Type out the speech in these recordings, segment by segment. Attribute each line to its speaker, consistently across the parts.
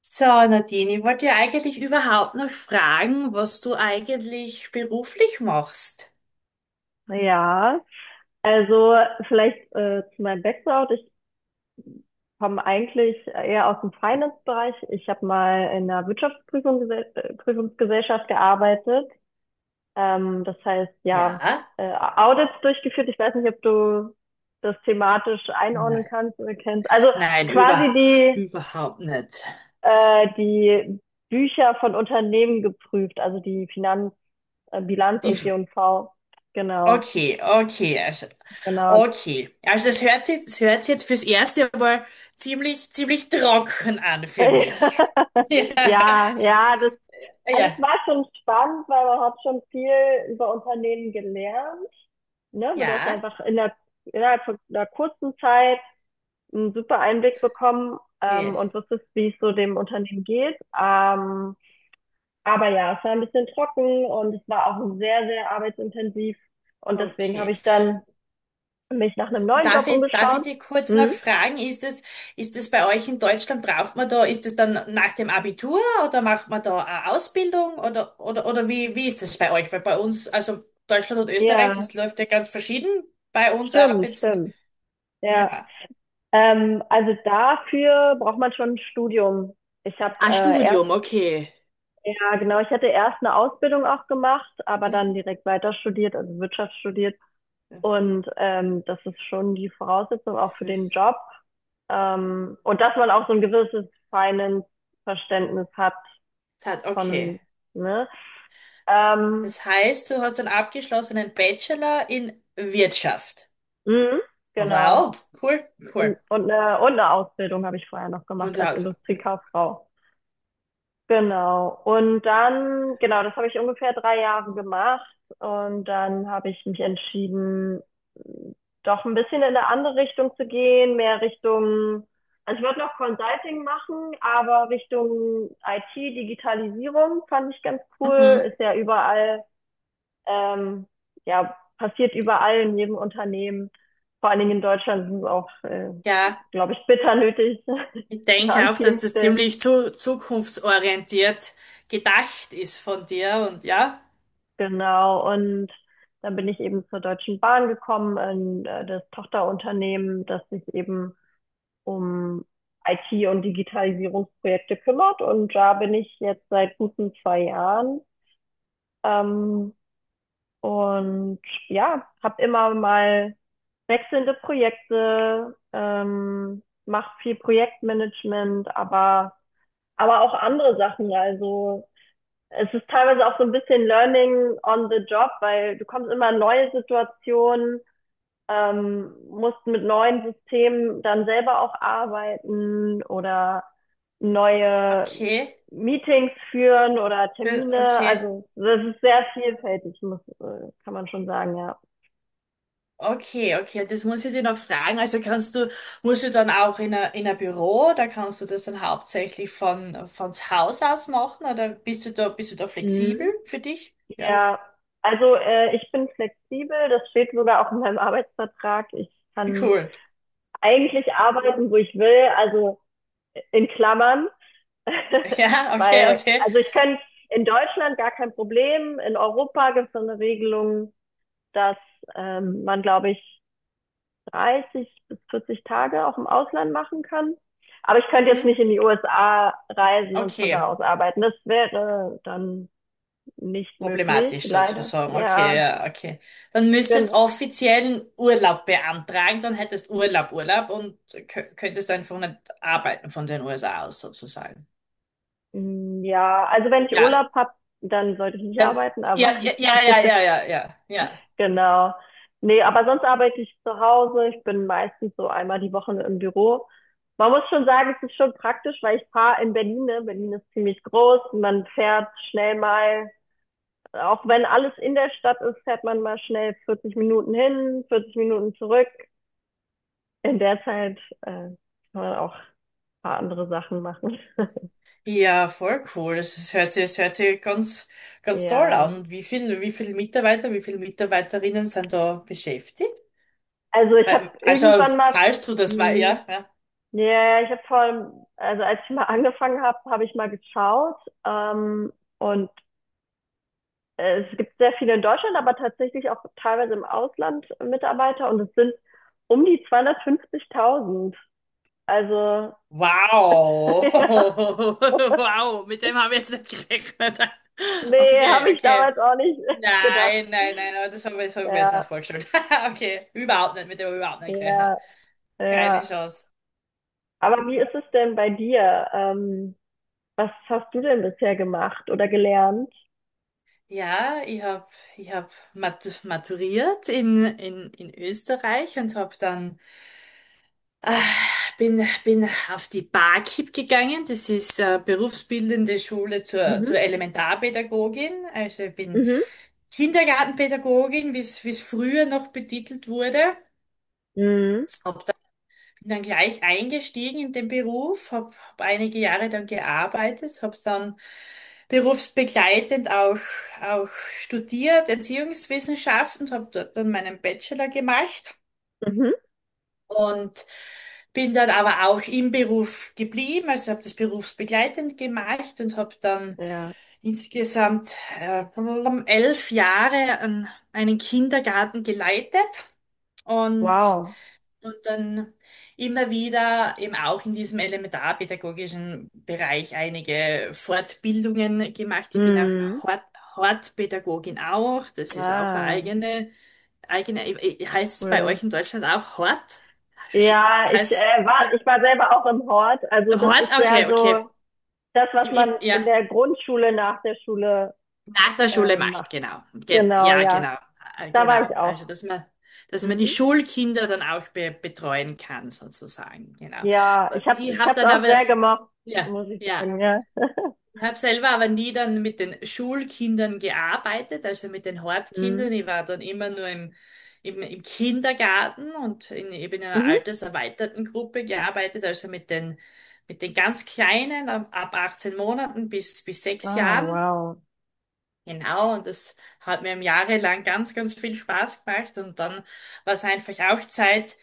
Speaker 1: So, Nadine, ich wollte ja eigentlich überhaupt noch fragen, was du eigentlich beruflich machst.
Speaker 2: Ja, also vielleicht zu meinem Background. Ich komme eigentlich eher aus dem Finance-Bereich. Ich habe mal in einer Wirtschaftsprüfungsgesellschaft gearbeitet. Das heißt, ja,
Speaker 1: Ja?
Speaker 2: Audits durchgeführt. Ich weiß nicht, ob du das thematisch einordnen
Speaker 1: N-
Speaker 2: kannst oder kennst. Also
Speaker 1: Nein,
Speaker 2: quasi die,
Speaker 1: überhaupt nicht.
Speaker 2: äh, die Bücher von Unternehmen geprüft, also die Finanz, Bilanz
Speaker 1: Die,
Speaker 2: und
Speaker 1: F-
Speaker 2: G&V. Genau,
Speaker 1: okay,
Speaker 2: genau.
Speaker 1: okay. Also es hört sich jetzt fürs erste Mal ziemlich, ziemlich trocken an für mich.
Speaker 2: Ja, ja, das,
Speaker 1: Ja,
Speaker 2: also es
Speaker 1: ja,
Speaker 2: war schon spannend, weil man hat schon viel über Unternehmen gelernt, ne? Aber du hast
Speaker 1: ja,
Speaker 2: einfach in der, innerhalb von einer kurzen Zeit einen super Einblick bekommen,
Speaker 1: eh,
Speaker 2: und wusstest, wie es so dem Unternehmen geht. Aber ja, es war ein bisschen trocken und es war auch sehr, sehr arbeitsintensiv. Und deswegen habe
Speaker 1: okay.
Speaker 2: ich dann mich nach einem neuen Job
Speaker 1: Darf ich
Speaker 2: umgeschaut.
Speaker 1: dich kurz noch
Speaker 2: Mhm.
Speaker 1: fragen, ist es bei euch in Deutschland, braucht man da, ist es dann nach dem Abitur oder macht man da eine Ausbildung oder wie ist das bei euch? Weil bei uns, also Deutschland und Österreich,
Speaker 2: Ja,
Speaker 1: das läuft ja ganz verschieden. Bei uns ab
Speaker 2: stimmt,
Speaker 1: jetzt,
Speaker 2: stimmt. Ja.
Speaker 1: ja.
Speaker 2: Also dafür braucht man schon ein Studium. Ich habe
Speaker 1: Ah,
Speaker 2: erst,
Speaker 1: Studium, okay.
Speaker 2: ja genau, ich hatte erst eine Ausbildung auch gemacht, aber
Speaker 1: Das
Speaker 2: dann direkt weiter studiert, also Wirtschaft studiert. Und das ist schon die Voraussetzung auch für den Job. Und dass man auch so ein gewisses Finance-Verständnis hat
Speaker 1: okay.
Speaker 2: von, ne? Ähm,
Speaker 1: Das heißt, du hast einen abgeschlossenen Bachelor in Wirtschaft.
Speaker 2: mhm, genau.
Speaker 1: Wow, cool, cool.
Speaker 2: Und eine Ausbildung habe ich vorher noch
Speaker 1: Und
Speaker 2: gemacht als
Speaker 1: ja,
Speaker 2: Industriekauffrau. Genau. Und dann, genau, das habe ich ungefähr 3 Jahre gemacht. Und dann habe ich mich entschieden, doch ein bisschen in eine andere Richtung zu gehen, mehr Richtung, also ich wollte noch Consulting machen, aber Richtung IT, Digitalisierung fand ich ganz cool.
Speaker 1: mhm.
Speaker 2: Ist ja überall, ähm, ja, passiert überall in jedem Unternehmen. Vor allen Dingen in Deutschland sind es auch,
Speaker 1: Ja.
Speaker 2: glaube ich, bitter nötig
Speaker 1: Ich denke
Speaker 2: an
Speaker 1: auch, dass
Speaker 2: vielen
Speaker 1: das
Speaker 2: Stellen.
Speaker 1: ziemlich zukunftsorientiert gedacht ist von dir, und ja,
Speaker 2: Genau, und dann bin ich eben zur Deutschen Bahn gekommen, in das Tochterunternehmen, das sich eben um IT- und Digitalisierungsprojekte kümmert. Und da bin ich jetzt seit guten 2 Jahren. Ähm, und ja, habe immer mal wechselnde Projekte, mache viel Projektmanagement, aber auch andere Sachen. Also es ist teilweise auch so ein bisschen Learning on the Job, weil du kommst immer in neue Situationen, musst mit neuen Systemen dann selber auch arbeiten oder neue
Speaker 1: okay.
Speaker 2: Meetings führen oder Termine.
Speaker 1: Okay,
Speaker 2: Also das ist sehr vielfältig, kann man schon sagen, ja.
Speaker 1: okay, okay, das muss ich dir noch fragen. Also musst du dann auch in ein Büro, da kannst du das dann hauptsächlich von zu Hause aus machen oder bist du da flexibel
Speaker 2: Mhm.
Speaker 1: für dich? Ja,
Speaker 2: Ja, also ich bin flexibel, das steht sogar auch in meinem Arbeitsvertrag. Ich kann
Speaker 1: cool.
Speaker 2: eigentlich arbeiten, wo ich will, also in Klammern.
Speaker 1: Ja, okay,
Speaker 2: Weil,
Speaker 1: okay,
Speaker 2: also ich könnte in Deutschland gar kein Problem. In Europa gibt es so eine Regelung, dass man, glaube ich, 30 bis 40 Tage auch im Ausland machen kann. Aber ich könnte jetzt
Speaker 1: mhm,
Speaker 2: nicht in die USA reisen und von da
Speaker 1: okay.
Speaker 2: aus arbeiten. Das wäre dann nicht möglich,
Speaker 1: Problematisch
Speaker 2: leider.
Speaker 1: sozusagen. Okay,
Speaker 2: Ja,
Speaker 1: ja, okay. Dann müsstest
Speaker 2: gen-
Speaker 1: offiziellen Urlaub beantragen, dann hättest Urlaub, und könntest einfach nicht arbeiten von den USA aus sozusagen.
Speaker 2: ja, also wenn ich
Speaker 1: Ja,
Speaker 2: Urlaub habe, dann sollte ich nicht
Speaker 1: dann,
Speaker 2: arbeiten, aber.
Speaker 1: ja, ja, ja, ja, ja, ja, ja. Ja,
Speaker 2: Genau. Nee, aber sonst arbeite ich zu Hause. Ich bin meistens so einmal die Woche im Büro. Man muss schon sagen, es ist schon praktisch, weil ich fahre in Berlin. Ne? Berlin ist ziemlich groß. Man fährt schnell mal, auch wenn alles in der Stadt ist, fährt man mal schnell 40 Minuten hin, 40 Minuten zurück. In der Zeit kann man auch ein paar andere Sachen machen.
Speaker 1: ja, voll cool. Das hört sich ganz, ganz toll an.
Speaker 2: Ja.
Speaker 1: Und wie viel Mitarbeiter, wie viele Mitarbeiterinnen sind da beschäftigt?
Speaker 2: Also ich habe
Speaker 1: Also,
Speaker 2: irgendwann mal,
Speaker 1: falls du das war,
Speaker 2: hm,
Speaker 1: ja, ja.
Speaker 2: ja, ja, ich habe vor, also als ich mal angefangen habe, habe ich mal geschaut. Und es gibt sehr viele in Deutschland, aber tatsächlich auch teilweise im Ausland Mitarbeiter. Und es sind um die 250.000. Also,
Speaker 1: Wow.
Speaker 2: ja,
Speaker 1: Wow, mit dem habe ich jetzt nicht gerechnet.
Speaker 2: nee, habe
Speaker 1: Okay,
Speaker 2: ich
Speaker 1: okay.
Speaker 2: damals auch nicht gedacht.
Speaker 1: Nein, nein, nein, aber das hab ich mir jetzt nicht
Speaker 2: Ja,
Speaker 1: vorgestellt. Okay, überhaupt nicht, mit dem habe ich überhaupt nicht gerechnet.
Speaker 2: ja,
Speaker 1: Keine
Speaker 2: ja.
Speaker 1: Chance.
Speaker 2: Aber wie ist es denn bei dir? Was hast du denn bisher gemacht oder gelernt?
Speaker 1: Ja, ich hab maturiert in Österreich und bin auf die BAKIB gegangen. Das ist berufsbildende Schule zur,
Speaker 2: Mhm,
Speaker 1: zur Elementarpädagogin. Also ich bin
Speaker 2: mhm,
Speaker 1: Kindergartenpädagogin, wie es früher noch betitelt wurde.
Speaker 2: mhm,
Speaker 1: Hab dann, bin dann gleich eingestiegen in den Beruf, hab einige Jahre dann gearbeitet, habe dann berufsbegleitend auch studiert, Erziehungswissenschaften, habe dort dann meinen Bachelor gemacht.
Speaker 2: mhm.
Speaker 1: Und bin dann aber auch im Beruf geblieben, also habe das berufsbegleitend gemacht und habe dann
Speaker 2: Ja,
Speaker 1: insgesamt äh, 11 Jahre an einen Kindergarten geleitet, und,
Speaker 2: wow.
Speaker 1: und dann immer wieder eben auch in diesem elementarpädagogischen Bereich einige Fortbildungen gemacht. Ich bin auch
Speaker 2: Mhm.
Speaker 1: Hort, Hortpädagogin auch, das ist auch eine
Speaker 2: Ah,
Speaker 1: eigene. Heißt es bei
Speaker 2: cool.
Speaker 1: euch in Deutschland auch Hort? Sch-
Speaker 2: Ja, ich
Speaker 1: Heißt
Speaker 2: äh, war, ich war selber auch im Hort. Also das
Speaker 1: Hort?
Speaker 2: ist
Speaker 1: Okay,
Speaker 2: ja
Speaker 1: okay.
Speaker 2: so das, was man
Speaker 1: Ja,
Speaker 2: in der Grundschule nach der Schule
Speaker 1: nach der Schule
Speaker 2: macht.
Speaker 1: macht, genau. Ge
Speaker 2: Genau,
Speaker 1: ja,
Speaker 2: ja.
Speaker 1: genau.
Speaker 2: Da war ich
Speaker 1: Genau.
Speaker 2: auch.
Speaker 1: Also, dass man, die
Speaker 2: Mhm.
Speaker 1: Schulkinder dann auch be betreuen kann, sozusagen. Genau.
Speaker 2: Ja, ich hab,
Speaker 1: Ich
Speaker 2: ich
Speaker 1: habe
Speaker 2: hab's
Speaker 1: dann
Speaker 2: auch
Speaker 1: aber,
Speaker 2: sehr gemocht,
Speaker 1: ja,
Speaker 2: muss ich
Speaker 1: ja.
Speaker 2: sagen, ja.
Speaker 1: Ich habe selber aber nie dann mit den Schulkindern gearbeitet, also mit den
Speaker 2: Mhm.
Speaker 1: Hortkindern. Ich war dann immer nur im Kindergarten und eben in einer
Speaker 2: Mhm.
Speaker 1: alterserweiterten Gruppe gearbeitet, also mit den ganz Kleinen ab 18 Monaten bis sechs
Speaker 2: Ah,
Speaker 1: Jahren.
Speaker 2: wow.
Speaker 1: Genau, und das hat mir im Jahre lang ganz, ganz viel Spaß gemacht. Und dann war es einfach auch Zeit,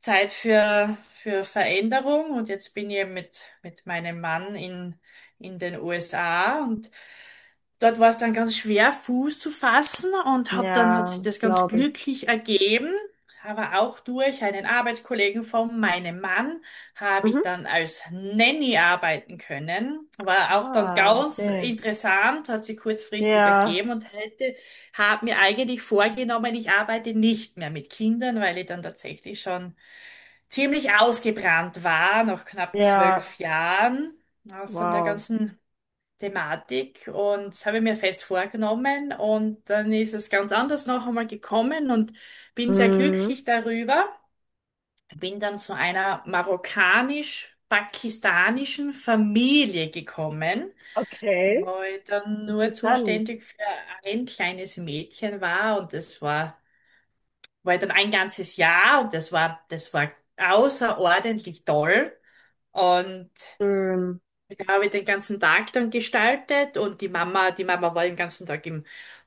Speaker 1: Zeit für Veränderung. Und jetzt bin ich eben mit meinem Mann in den USA. Und dort war es dann ganz schwer, Fuß zu fassen, und hab dann hat sich
Speaker 2: Ja,
Speaker 1: das ganz
Speaker 2: glaube ich.
Speaker 1: glücklich ergeben. Aber auch durch einen Arbeitskollegen von meinem Mann habe ich
Speaker 2: Mhm.
Speaker 1: dann als Nanny arbeiten können. War auch dann
Speaker 2: Ah,
Speaker 1: ganz
Speaker 2: okay.
Speaker 1: interessant, hat sich kurzfristig ergeben,
Speaker 2: Ja,
Speaker 1: und habe mir eigentlich vorgenommen, ich arbeite nicht mehr mit Kindern, weil ich dann tatsächlich schon ziemlich ausgebrannt war, nach knapp
Speaker 2: ja,
Speaker 1: 12 Jahren. Na, von der
Speaker 2: wow.
Speaker 1: ganzen Thematik, und das habe ich mir fest vorgenommen, und dann ist es ganz anders noch einmal gekommen, und bin sehr
Speaker 2: Mhm.
Speaker 1: glücklich darüber. Bin dann zu einer marokkanisch-pakistanischen Familie gekommen,
Speaker 2: Okay,
Speaker 1: wo ich dann nur
Speaker 2: interessant.
Speaker 1: zuständig für ein kleines Mädchen war, und das war dann ein ganzes Jahr, und das war außerordentlich toll. Und
Speaker 2: Schön.
Speaker 1: ja, habe ich den ganzen Tag dann gestaltet, und die Mama war den ganzen Tag im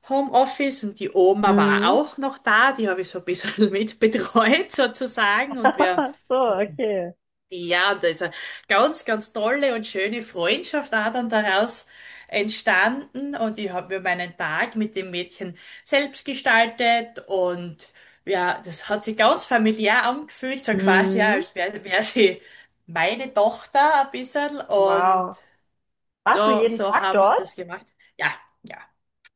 Speaker 1: Homeoffice, und die Oma war
Speaker 2: Mhm.
Speaker 1: auch noch da, die habe ich so ein bisschen mitbetreut, sozusagen. Und wir,
Speaker 2: So, okay.
Speaker 1: ja, und da ist eine ganz, ganz tolle und schöne Freundschaft auch dann daraus entstanden, und ich habe mir meinen Tag mit dem Mädchen selbst gestaltet. Und ja, das hat sich ganz familiär angefühlt, so quasi, ja,
Speaker 2: Mhm.
Speaker 1: als wär sie meine Tochter ein bisschen, und
Speaker 2: Wow. Warst du
Speaker 1: so,
Speaker 2: jeden
Speaker 1: so
Speaker 2: Tag
Speaker 1: haben wir
Speaker 2: dort?
Speaker 1: das gemacht. Ja, ja,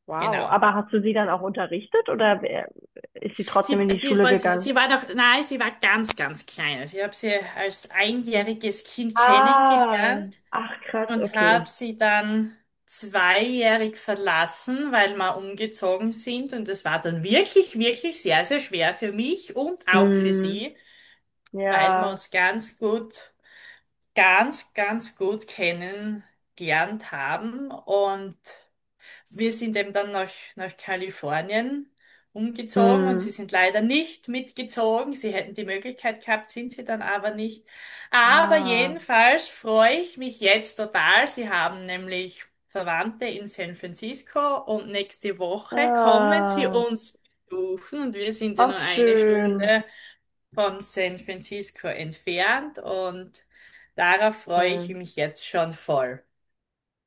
Speaker 2: Wow.
Speaker 1: genau.
Speaker 2: Aber hast du sie dann auch unterrichtet oder ist sie trotzdem
Speaker 1: Sie,
Speaker 2: in die
Speaker 1: sie
Speaker 2: Schule
Speaker 1: war,
Speaker 2: gegangen?
Speaker 1: sie war noch, nein, sie war ganz, ganz klein. Also ich habe sie als einjähriges Kind
Speaker 2: Ah,
Speaker 1: kennengelernt
Speaker 2: ach krass,
Speaker 1: und
Speaker 2: okay.
Speaker 1: habe sie dann zweijährig verlassen, weil wir umgezogen sind. Und das war dann wirklich, wirklich sehr, sehr schwer für mich und auch für
Speaker 2: Mhm.
Speaker 1: sie, weil wir
Speaker 2: Ja.
Speaker 1: uns ganz gut, ganz, ganz gut kennengelernt haben. Und wir sind eben dann nach Kalifornien umgezogen, und sie
Speaker 2: Mhm.
Speaker 1: sind leider nicht mitgezogen. Sie hätten die Möglichkeit gehabt, sind sie dann aber nicht. Aber
Speaker 2: Ah,
Speaker 1: jedenfalls freue ich mich jetzt total. Sie haben nämlich Verwandte in San Francisco, und nächste Woche kommen sie
Speaker 2: ah,
Speaker 1: uns besuchen, und wir sind ja nur
Speaker 2: auch
Speaker 1: eine
Speaker 2: schön.
Speaker 1: Stunde von San Francisco entfernt, und darauf freue ich
Speaker 2: Cool.
Speaker 1: mich jetzt schon voll.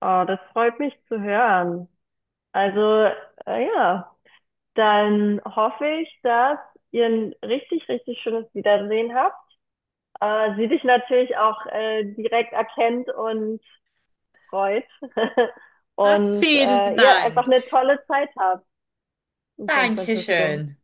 Speaker 2: Oh, das freut mich zu hören. Also, ja, dann hoffe ich, dass ihr ein richtig, richtig schönes Wiedersehen habt. Sie dich natürlich auch direkt erkennt und freut.
Speaker 1: Ah,
Speaker 2: Und
Speaker 1: vielen
Speaker 2: ihr einfach
Speaker 1: Dank.
Speaker 2: eine tolle Zeit habt in San Francisco.
Speaker 1: Dankeschön.